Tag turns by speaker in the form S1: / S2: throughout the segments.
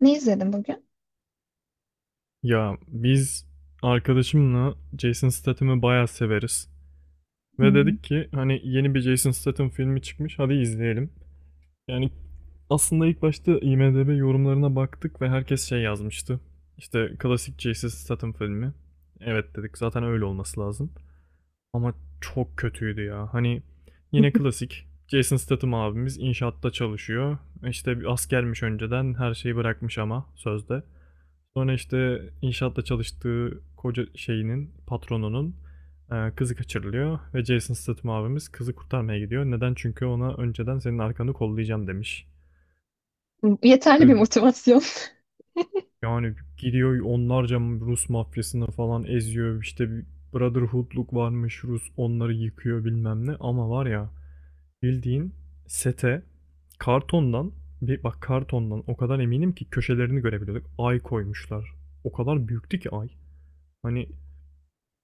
S1: Ne izledin bugün?
S2: Ya biz arkadaşımla Jason Statham'ı bayağı severiz. Ve
S1: Hmm.
S2: dedik ki hani yeni bir Jason Statham filmi çıkmış hadi izleyelim. Yani aslında ilk başta IMDb yorumlarına baktık ve herkes şey yazmıştı. İşte klasik Jason Statham filmi. Evet dedik zaten öyle olması lazım. Ama çok kötüydü ya. Hani yine klasik Jason Statham abimiz inşaatta çalışıyor. İşte bir askermiş önceden her şeyi bırakmış ama sözde. Sonra işte inşaatta çalıştığı koca şeyinin, patronunun kızı kaçırılıyor ve Jason Statham abimiz kızı kurtarmaya gidiyor. Neden? Çünkü ona önceden senin arkanı kollayacağım demiş.
S1: Yeterli
S2: Ve
S1: bir motivasyon.
S2: Yani gidiyor onlarca Rus mafyasını falan eziyor. İşte bir Brotherhood'luk varmış Rus onları yıkıyor bilmem ne. Ama var ya bildiğin sete kartondan bir bak kartondan o kadar eminim ki köşelerini görebiliyorduk. Ay koymuşlar. O kadar büyüktü ki ay. Hani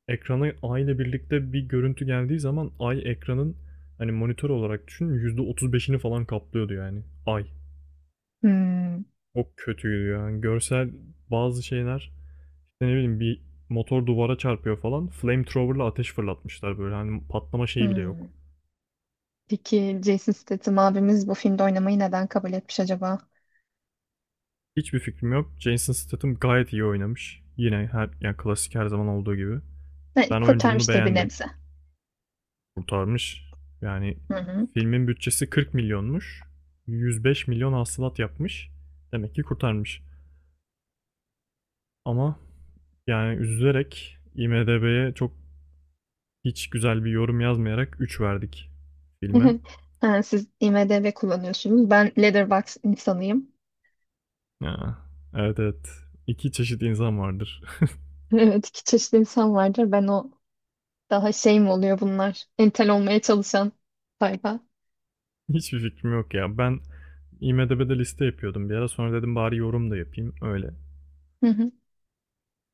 S2: ekrana ay ile birlikte bir görüntü geldiği zaman ay ekranın hani monitör olarak düşün %35'ini falan kaplıyordu yani ay.
S1: Hmm,
S2: O kötüydü yani. Görsel bazı şeyler işte ne bileyim bir motor duvara çarpıyor falan. Flamethrower'la ateş fırlatmışlar böyle hani patlama şeyi bile yok.
S1: hmm. Peki Jason Statham abimiz bu filmde oynamayı neden kabul etmiş acaba?
S2: Hiçbir fikrim yok. Jason Statham gayet iyi oynamış. Yine her yani klasik her zaman olduğu gibi.
S1: Ne,
S2: Ben oyunculuğunu
S1: kurtarmıştır bir
S2: beğendim.
S1: nebze.
S2: Kurtarmış. Yani
S1: Hı hı.
S2: filmin bütçesi 40 milyonmuş. 105 milyon hasılat yapmış. Demek ki kurtarmış. Ama yani üzülerek IMDb'ye çok hiç güzel bir yorum yazmayarak 3 verdik filme.
S1: Ha, siz IMDb kullanıyorsunuz. Ben Letterboxd insanıyım.
S2: Ya, evet evet. İki çeşit insan vardır.
S1: Evet, iki çeşitli insan vardır. Ben o daha şey mi oluyor bunlar? Entel olmaya çalışan sayfa.
S2: Hiçbir fikrim yok ya. Ben IMDb'de liste yapıyordum bir ara. Sonra dedim bari yorum da yapayım. Öyle.
S1: Hı hı.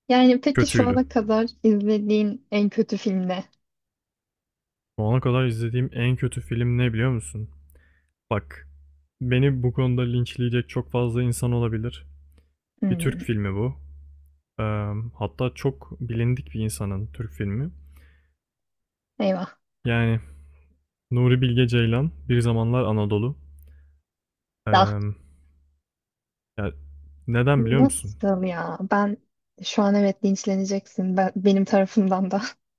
S1: Yani peki şu
S2: Kötüydü.
S1: ana kadar izlediğin en kötü film ne?
S2: Şu ana kadar izlediğim en kötü film ne biliyor musun? Bak, beni bu konuda linçleyecek çok fazla insan olabilir. Bir Türk
S1: Hmm.
S2: filmi bu. Hatta çok bilindik bir insanın Türk filmi.
S1: Eyvah.
S2: Yani Nuri Bilge Ceylan, Bir Zamanlar Anadolu. Ee, ya neden biliyor musun?
S1: Nasıl ya? Ben şu an evet linçleneceksin. Benim tarafımdan da.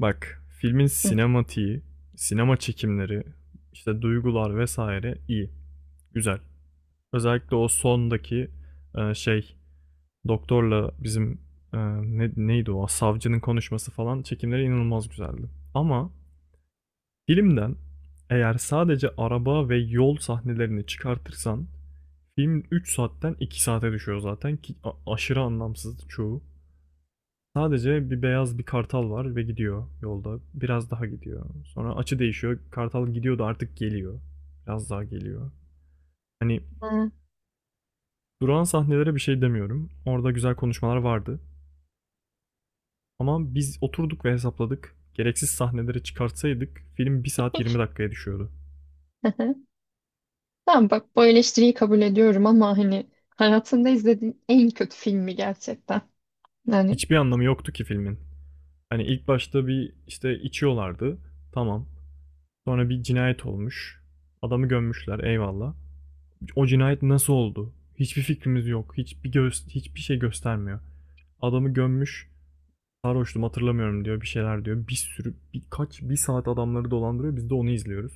S2: Bak, filmin
S1: Hı.
S2: sinematiği, sinema çekimleri, işte duygular vesaire iyi, güzel. Özellikle o sondaki şey, doktorla bizim ne, neydi o, savcının konuşması falan çekimleri inanılmaz güzeldi. Ama filmden eğer sadece araba ve yol sahnelerini çıkartırsan film 3 saatten 2 saate düşüyor zaten ki aşırı anlamsız çoğu. Sadece bir beyaz bir kartal var ve gidiyor yolda. Biraz daha gidiyor. Sonra açı değişiyor. Kartal gidiyordu artık geliyor. Biraz daha geliyor. Hani
S1: Ha,
S2: duran sahnelere bir şey demiyorum. Orada güzel konuşmalar vardı. Ama biz oturduk ve hesapladık. Gereksiz sahneleri çıkartsaydık film 1 saat 20 dakikaya düşüyordu.
S1: hı hı. Tamam bak bu eleştiriyi kabul ediyorum ama hani hayatında izlediğin en kötü filmi gerçekten. Yani
S2: Hiçbir anlamı yoktu ki filmin. Hani ilk başta bir işte içiyorlardı. Tamam. Sonra bir cinayet olmuş. Adamı gömmüşler. Eyvallah. O cinayet nasıl oldu? Hiçbir fikrimiz yok. Hiçbir göz, hiçbir şey göstermiyor. Adamı gömmüş. Sarhoştum hatırlamıyorum diyor. Bir şeyler diyor. Bir sürü birkaç bir saat adamları dolandırıyor. Biz de onu izliyoruz.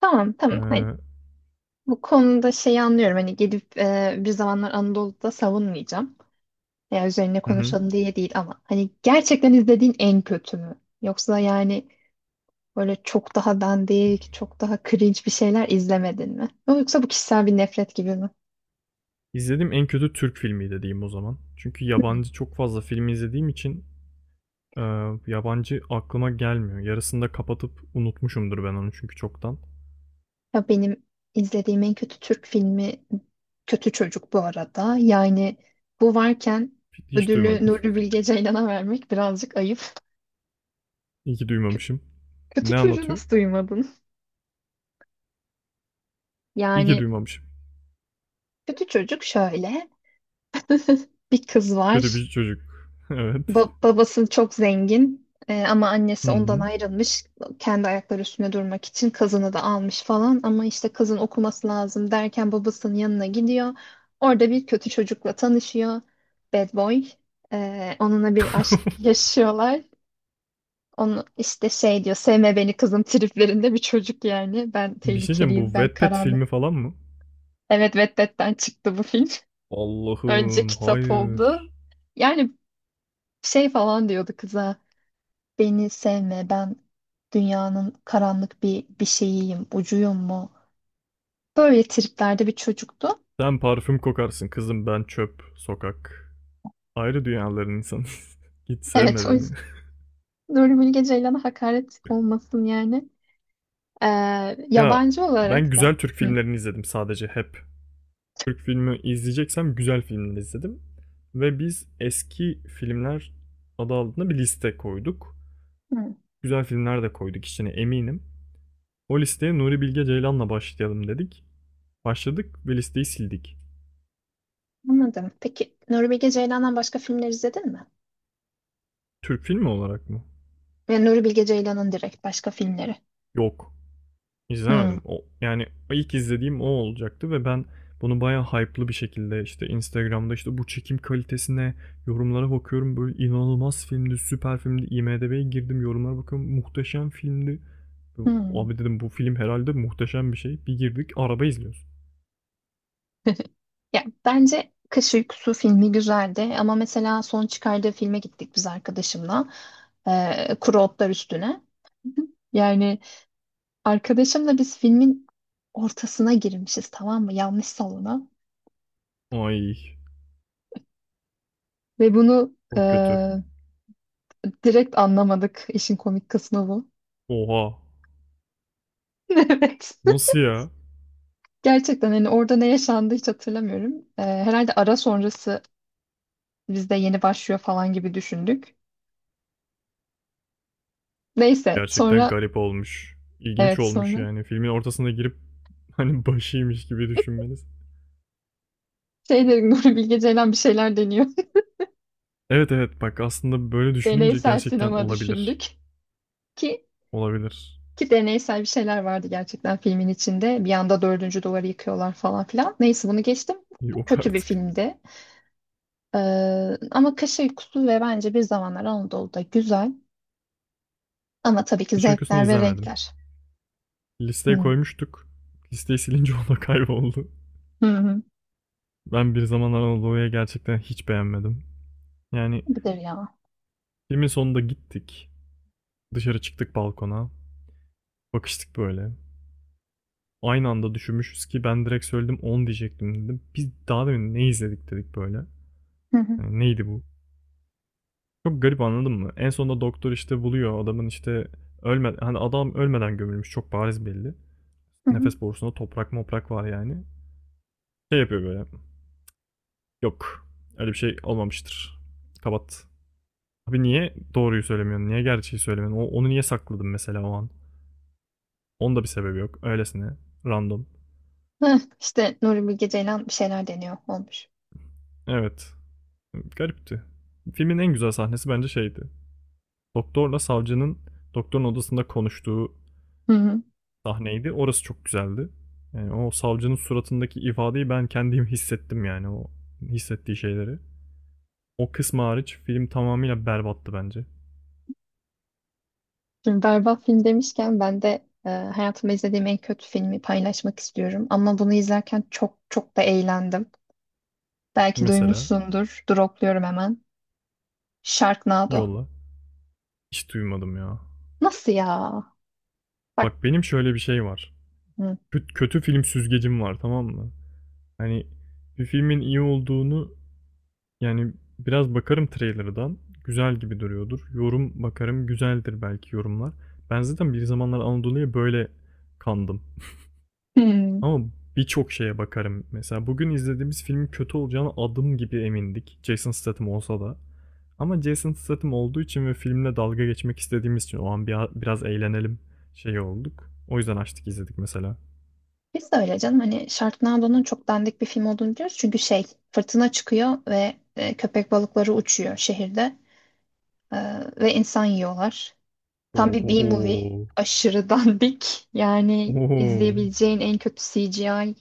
S1: tamam hani
S2: Ee,
S1: bu konuda şeyi anlıyorum hani gidip bir zamanlar Anadolu'da savunmayacağım. Ya üzerine
S2: hı hı.
S1: konuşalım diye değil ama hani gerçekten izlediğin en kötü mü? Yoksa yani böyle çok daha dandik, çok daha cringe bir şeyler izlemedin mi? Yoksa bu kişisel bir nefret gibi mi?
S2: İzlediğim en kötü Türk filmiydi diyeyim o zaman. Çünkü
S1: Hmm.
S2: yabancı çok fazla film izlediğim için e, yabancı aklıma gelmiyor. Yarısında kapatıp unutmuşumdur ben onu çünkü çoktan.
S1: Ya benim izlediğim en kötü Türk filmi Kötü Çocuk bu arada. Yani bu varken
S2: Hiç
S1: ödülü
S2: duymadım.
S1: Nuri Bilge Ceylan'a vermek birazcık ayıp.
S2: İyi ki
S1: Kö-
S2: duymamışım.
S1: Kötü
S2: Ne
S1: çocuğu
S2: anlatıyor?
S1: nasıl duymadın?
S2: İyi ki
S1: Yani
S2: duymamışım.
S1: kötü çocuk şöyle. Bir kız
S2: Kötü
S1: var.
S2: bir çocuk. Evet.
S1: Babası çok zengin ama
S2: Hı
S1: annesi ondan
S2: hı.
S1: ayrılmış. Kendi ayakları üstüne durmak için kızını da almış falan. Ama işte kızın okuması lazım derken babasının yanına gidiyor. Orada bir kötü çocukla tanışıyor. Bad boy. Onunla bir aşk yaşıyorlar. Onu işte şey diyor sevme beni kızım triplerinde bir çocuk yani. Ben
S2: Bir şey diyeceğim, bu
S1: tehlikeliyim ben
S2: Wattpad
S1: karanlık.
S2: filmi falan mı?
S1: Evet, Wattpad'den çıktı bu film. Önce
S2: Allah'ım
S1: kitap oldu.
S2: hayır.
S1: Yani şey falan diyordu kıza. Beni sevme, ben dünyanın karanlık bir şeyiyim, ucuyum mu? Böyle triplerde bir çocuktu.
S2: Sen parfüm kokarsın kızım, ben çöp, sokak. Ayrı dünyaların insanıyız. Git
S1: Evet,
S2: sevme
S1: o
S2: beni.
S1: yüzden Nuri Bilge Ceylan'a hakaret olmasın yani. Ee,
S2: Ya,
S1: Yabancı
S2: ben
S1: olarak da.
S2: güzel Türk
S1: Hı.
S2: filmlerini izledim sadece hep. Türk filmi izleyeceksem güzel filmleri izledim. Ve biz eski filmler adı altında bir liste koyduk.
S1: Hı,
S2: Güzel filmler de koyduk içine eminim. O listeye Nuri Bilge Ceylan'la başlayalım dedik. Başladık ve listeyi sildik.
S1: anladım. Peki Nuri Bilge Ceylan'dan başka filmler izledin mi?
S2: Türk filmi olarak mı?
S1: Yani Nuri Bilge Ceylan'ın direkt başka filmleri.
S2: Yok.
S1: Hı.
S2: İzlemedim. O, yani ilk izlediğim o olacaktı ve ben bunu bayağı hype'lı bir şekilde işte Instagram'da işte bu çekim kalitesine yorumlara bakıyorum. Böyle inanılmaz filmdi, süper filmdi. IMDb'ye girdim yorumlara bakıyorum. Muhteşem filmdi.
S1: Hı.
S2: Abi dedim bu film herhalde muhteşem bir şey. Bir girdik araba izliyoruz.
S1: Ya bence Kış Uykusu filmi güzeldi ama mesela son çıkardığı filme gittik biz arkadaşımla. Kuru Otlar Üstüne. Yani arkadaşımla biz filmin ortasına girmişiz tamam mı? Yanlış salona.
S2: Ay
S1: Ve bunu
S2: çok kötü.
S1: direkt anlamadık. İşin komik kısmı bu.
S2: Oha.
S1: Evet.
S2: Nasıl ya?
S1: Gerçekten hani orada ne yaşandı hiç hatırlamıyorum. Herhalde ara sonrası bizde yeni başlıyor falan gibi düşündük. Neyse
S2: Gerçekten
S1: sonra
S2: garip olmuş. İlginç
S1: evet
S2: olmuş
S1: sonra
S2: yani. Filmin ortasına girip hani başıymış gibi düşünmeniz.
S1: şey dedim. Nuri Bilge Ceylan bir şeyler deniyor.
S2: Evet evet bak aslında böyle düşününce
S1: Deneysel
S2: gerçekten
S1: sinema
S2: olabilir.
S1: düşündük ki
S2: Olabilir.
S1: ki deneysel bir şeyler vardı gerçekten filmin içinde. Bir anda dördüncü duvarı yıkıyorlar falan filan. Neyse bunu geçtim. Bu
S2: Yok
S1: kötü bir
S2: artık.
S1: filmdi. Ee, Ama Kış Uykusu ve bence Bir Zamanlar Anadolu'da güzel. Ama tabii ki
S2: Hiç uykusunu
S1: zevkler ve
S2: izlemedim.
S1: renkler.
S2: Listeye
S1: Hı
S2: koymuştuk. Listeyi silince o da kayboldu.
S1: hı. Hı.
S2: Ben bir zamanlar Anadolu'ya gerçekten hiç beğenmedim. Yani
S1: Budur ya.
S2: filmin sonunda gittik. Dışarı çıktık balkona. Bakıştık böyle. Aynı anda düşünmüşüz ki ben direkt söyledim 10 diyecektim dedim. Biz daha demin ne izledik dedik böyle.
S1: Hı hı.
S2: Yani neydi bu? Çok garip anladın mı? En sonunda doktor işte buluyor adamın işte ölme hani adam ölmeden gömülmüş çok bariz belli.
S1: Hı hı.
S2: Nefes borusunda toprak moprak var yani. Şey yapıyor böyle. Yok. Öyle bir şey olmamıştır. Kapat. Abi niye doğruyu söylemiyorsun? Niye gerçeği söylemiyorsun? Onu niye sakladın mesela o an? Onun da bir sebebi yok. Öylesine. Random.
S1: Heh, İşte Nuri Bilge Ceylan bir şeyler deniyor olmuş.
S2: Evet. Garipti. Filmin en güzel sahnesi bence şeydi. Doktorla savcının doktorun odasında konuştuğu
S1: Hı hı.
S2: sahneydi. Orası çok güzeldi. Yani o savcının suratındaki ifadeyi ben kendim hissettim yani o hissettiği şeyleri. O kısmı hariç film tamamıyla berbattı bence.
S1: Şimdi berbat film demişken ben de hayatımda izlediğim en kötü filmi paylaşmak istiyorum. Ama bunu izlerken çok çok da eğlendim. Belki
S2: Mesela
S1: duymuşsundur. Dropluyorum hemen. Sharknado.
S2: yolla. Hiç duymadım ya.
S1: Nasıl ya?
S2: Bak
S1: Bak.
S2: benim şöyle bir şey var.
S1: Hı.
S2: Kötü, kötü film süzgecim var tamam mı? Hani bir filmin iyi olduğunu yani biraz bakarım trailer'dan. Güzel gibi duruyordur. Yorum bakarım güzeldir belki yorumlar. Ben zaten bir zamanlar Anadolu'ya böyle kandım.
S1: Hmm.
S2: Ama birçok şeye bakarım. Mesela bugün izlediğimiz filmin kötü olacağına adım gibi emindik. Jason Statham olsa da. Ama Jason Statham olduğu için ve filmle dalga geçmek istediğimiz için o an biraz eğlenelim şey olduk. O yüzden açtık izledik mesela.
S1: Biz de öyle canım. Hani Sharknado'nun çok dandik bir film olduğunu biliyoruz. Çünkü şey fırtına çıkıyor ve köpek balıkları uçuyor şehirde. E, Ve insan yiyorlar. Tam bir B-movie.
S2: Ohoho.
S1: Aşırı dandik. Yani
S2: Oho.
S1: izleyebileceğin en kötü CGI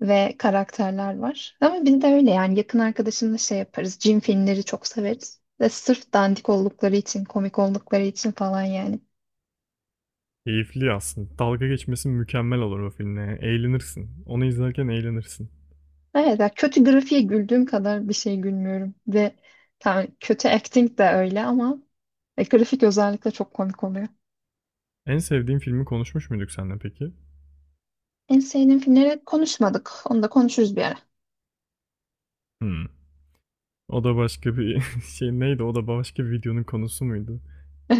S1: ve karakterler var. Ama biz de öyle yani yakın arkadaşımla şey yaparız. Cin filmleri çok severiz. Ve sırf dandik oldukları için, komik oldukları için falan yani.
S2: Keyifli aslında. Dalga geçmesi mükemmel olur o filmle. Eğlenirsin. Onu izlerken eğlenirsin.
S1: Evet, ya kötü grafiğe güldüğüm kadar bir şey gülmüyorum. Ve tamam, kötü acting de öyle ama grafik özellikle çok komik oluyor.
S2: En sevdiğin filmi konuşmuş muyduk seninle peki?
S1: En sevdiğim filmleri konuşmadık. Onu da konuşuruz bir ara.
S2: Hmm. O da başka bir şey neydi? O da başka bir videonun konusu muydu?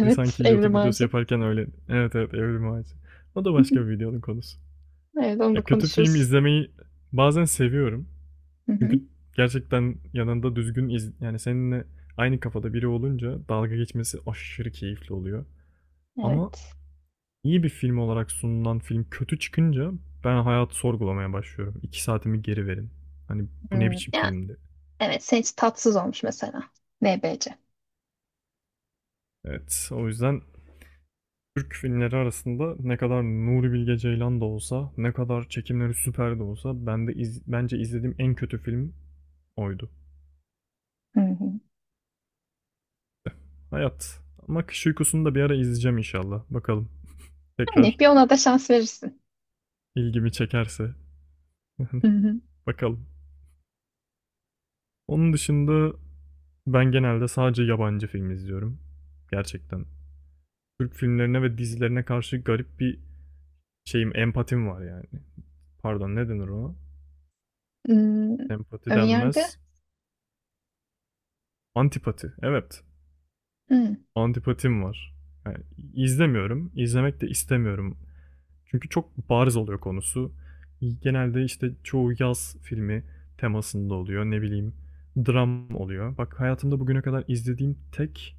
S2: Biri sanki
S1: Evrim
S2: YouTube videosu
S1: Ağacı.
S2: yaparken öyle. Evet evet evrim ağacı. O da başka bir videonun konusu.
S1: Evet, onu da
S2: Ya kötü film
S1: konuşuruz.
S2: izlemeyi bazen seviyorum.
S1: Hı hı.
S2: Çünkü gerçekten yanında düzgün iz yani seninle aynı kafada biri olunca dalga geçmesi aşırı keyifli oluyor. Ama
S1: Evet.
S2: iyi bir film olarak sunulan film kötü çıkınca ben hayatı sorgulamaya başlıyorum. 2 saatimi geri verin. Hani bu ne
S1: Hmm,
S2: biçim
S1: ya,
S2: filmdi?
S1: evet, senin için tatsız olmuş mesela. NBC.
S2: Evet o yüzden Türk filmleri arasında ne kadar Nuri Bilge Ceylan da olsa, ne kadar çekimleri süper de olsa ben de bence izlediğim en kötü film oydu.
S1: Hı hı.
S2: Hayat. Ama Kış Uykusu'nu da bir ara izleyeceğim inşallah. Bakalım.
S1: Yani
S2: Tekrar
S1: bir ona da şans verirsin.
S2: ilgimi çekerse.
S1: Hı hı.
S2: Bakalım. Onun dışında ben genelde sadece yabancı film izliyorum. Gerçekten. Türk filmlerine ve dizilerine karşı garip bir şeyim, empatim var yani. Pardon ne denir ona?
S1: Hmm,
S2: Empati
S1: önyargı?
S2: denmez. Antipati. Evet.
S1: Hı,
S2: Antipatim var. Yani izlemiyorum, izlemek de istemiyorum. Çünkü çok bariz oluyor konusu. Genelde işte çoğu yaz filmi temasında oluyor. Ne bileyim, dram oluyor. Bak hayatımda bugüne kadar izlediğim tek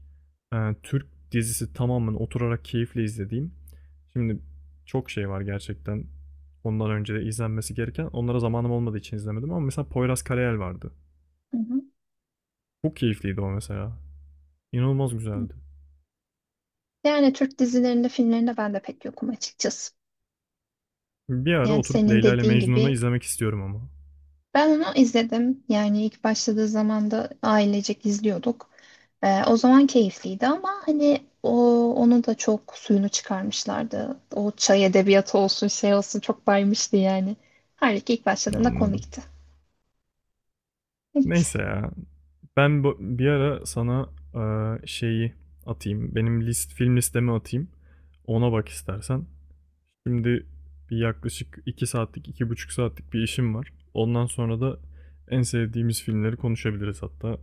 S2: Türk dizisi tamamen oturarak keyifle izlediğim. Şimdi çok şey var gerçekten. Ondan önce de izlenmesi gereken. Onlara zamanım olmadığı için izlemedim ama mesela Poyraz Karayel vardı.
S1: hı hı.
S2: Çok keyifliydi o mesela. İnanılmaz güzeldi.
S1: Yani Türk dizilerinde, filmlerinde ben de pek yokum açıkçası.
S2: Bir ara
S1: Yani
S2: oturup
S1: senin
S2: Leyla ile
S1: dediğin
S2: Mecnun'u
S1: gibi
S2: izlemek istiyorum ama.
S1: ben onu izledim. Yani ilk başladığı zaman da ailecek izliyorduk. O zaman keyifliydi ama hani onu da çok suyunu çıkarmışlardı. O çay edebiyatı olsun şey olsun çok baymıştı yani. Halbuki ilk başladığında
S2: Anladım.
S1: komikti. Evet.
S2: Neyse ya. Ben bu, bir ara sana şeyi atayım. Benim film listemi atayım. Ona bak istersen. Şimdi bir yaklaşık 2 saatlik, 2,5 saatlik bir işim var. Ondan sonra da en sevdiğimiz filmleri konuşabiliriz hatta.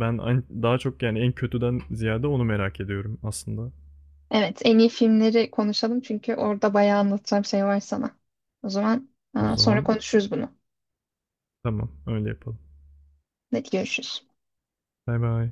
S2: Ben daha çok yani en kötüden ziyade onu merak ediyorum aslında.
S1: Evet, en iyi filmleri konuşalım çünkü orada bayağı anlatacağım şey var sana. O zaman
S2: O
S1: aa, sonra
S2: zaman
S1: konuşuruz bunu.
S2: tamam öyle yapalım.
S1: Hadi görüşürüz.
S2: Bay bay.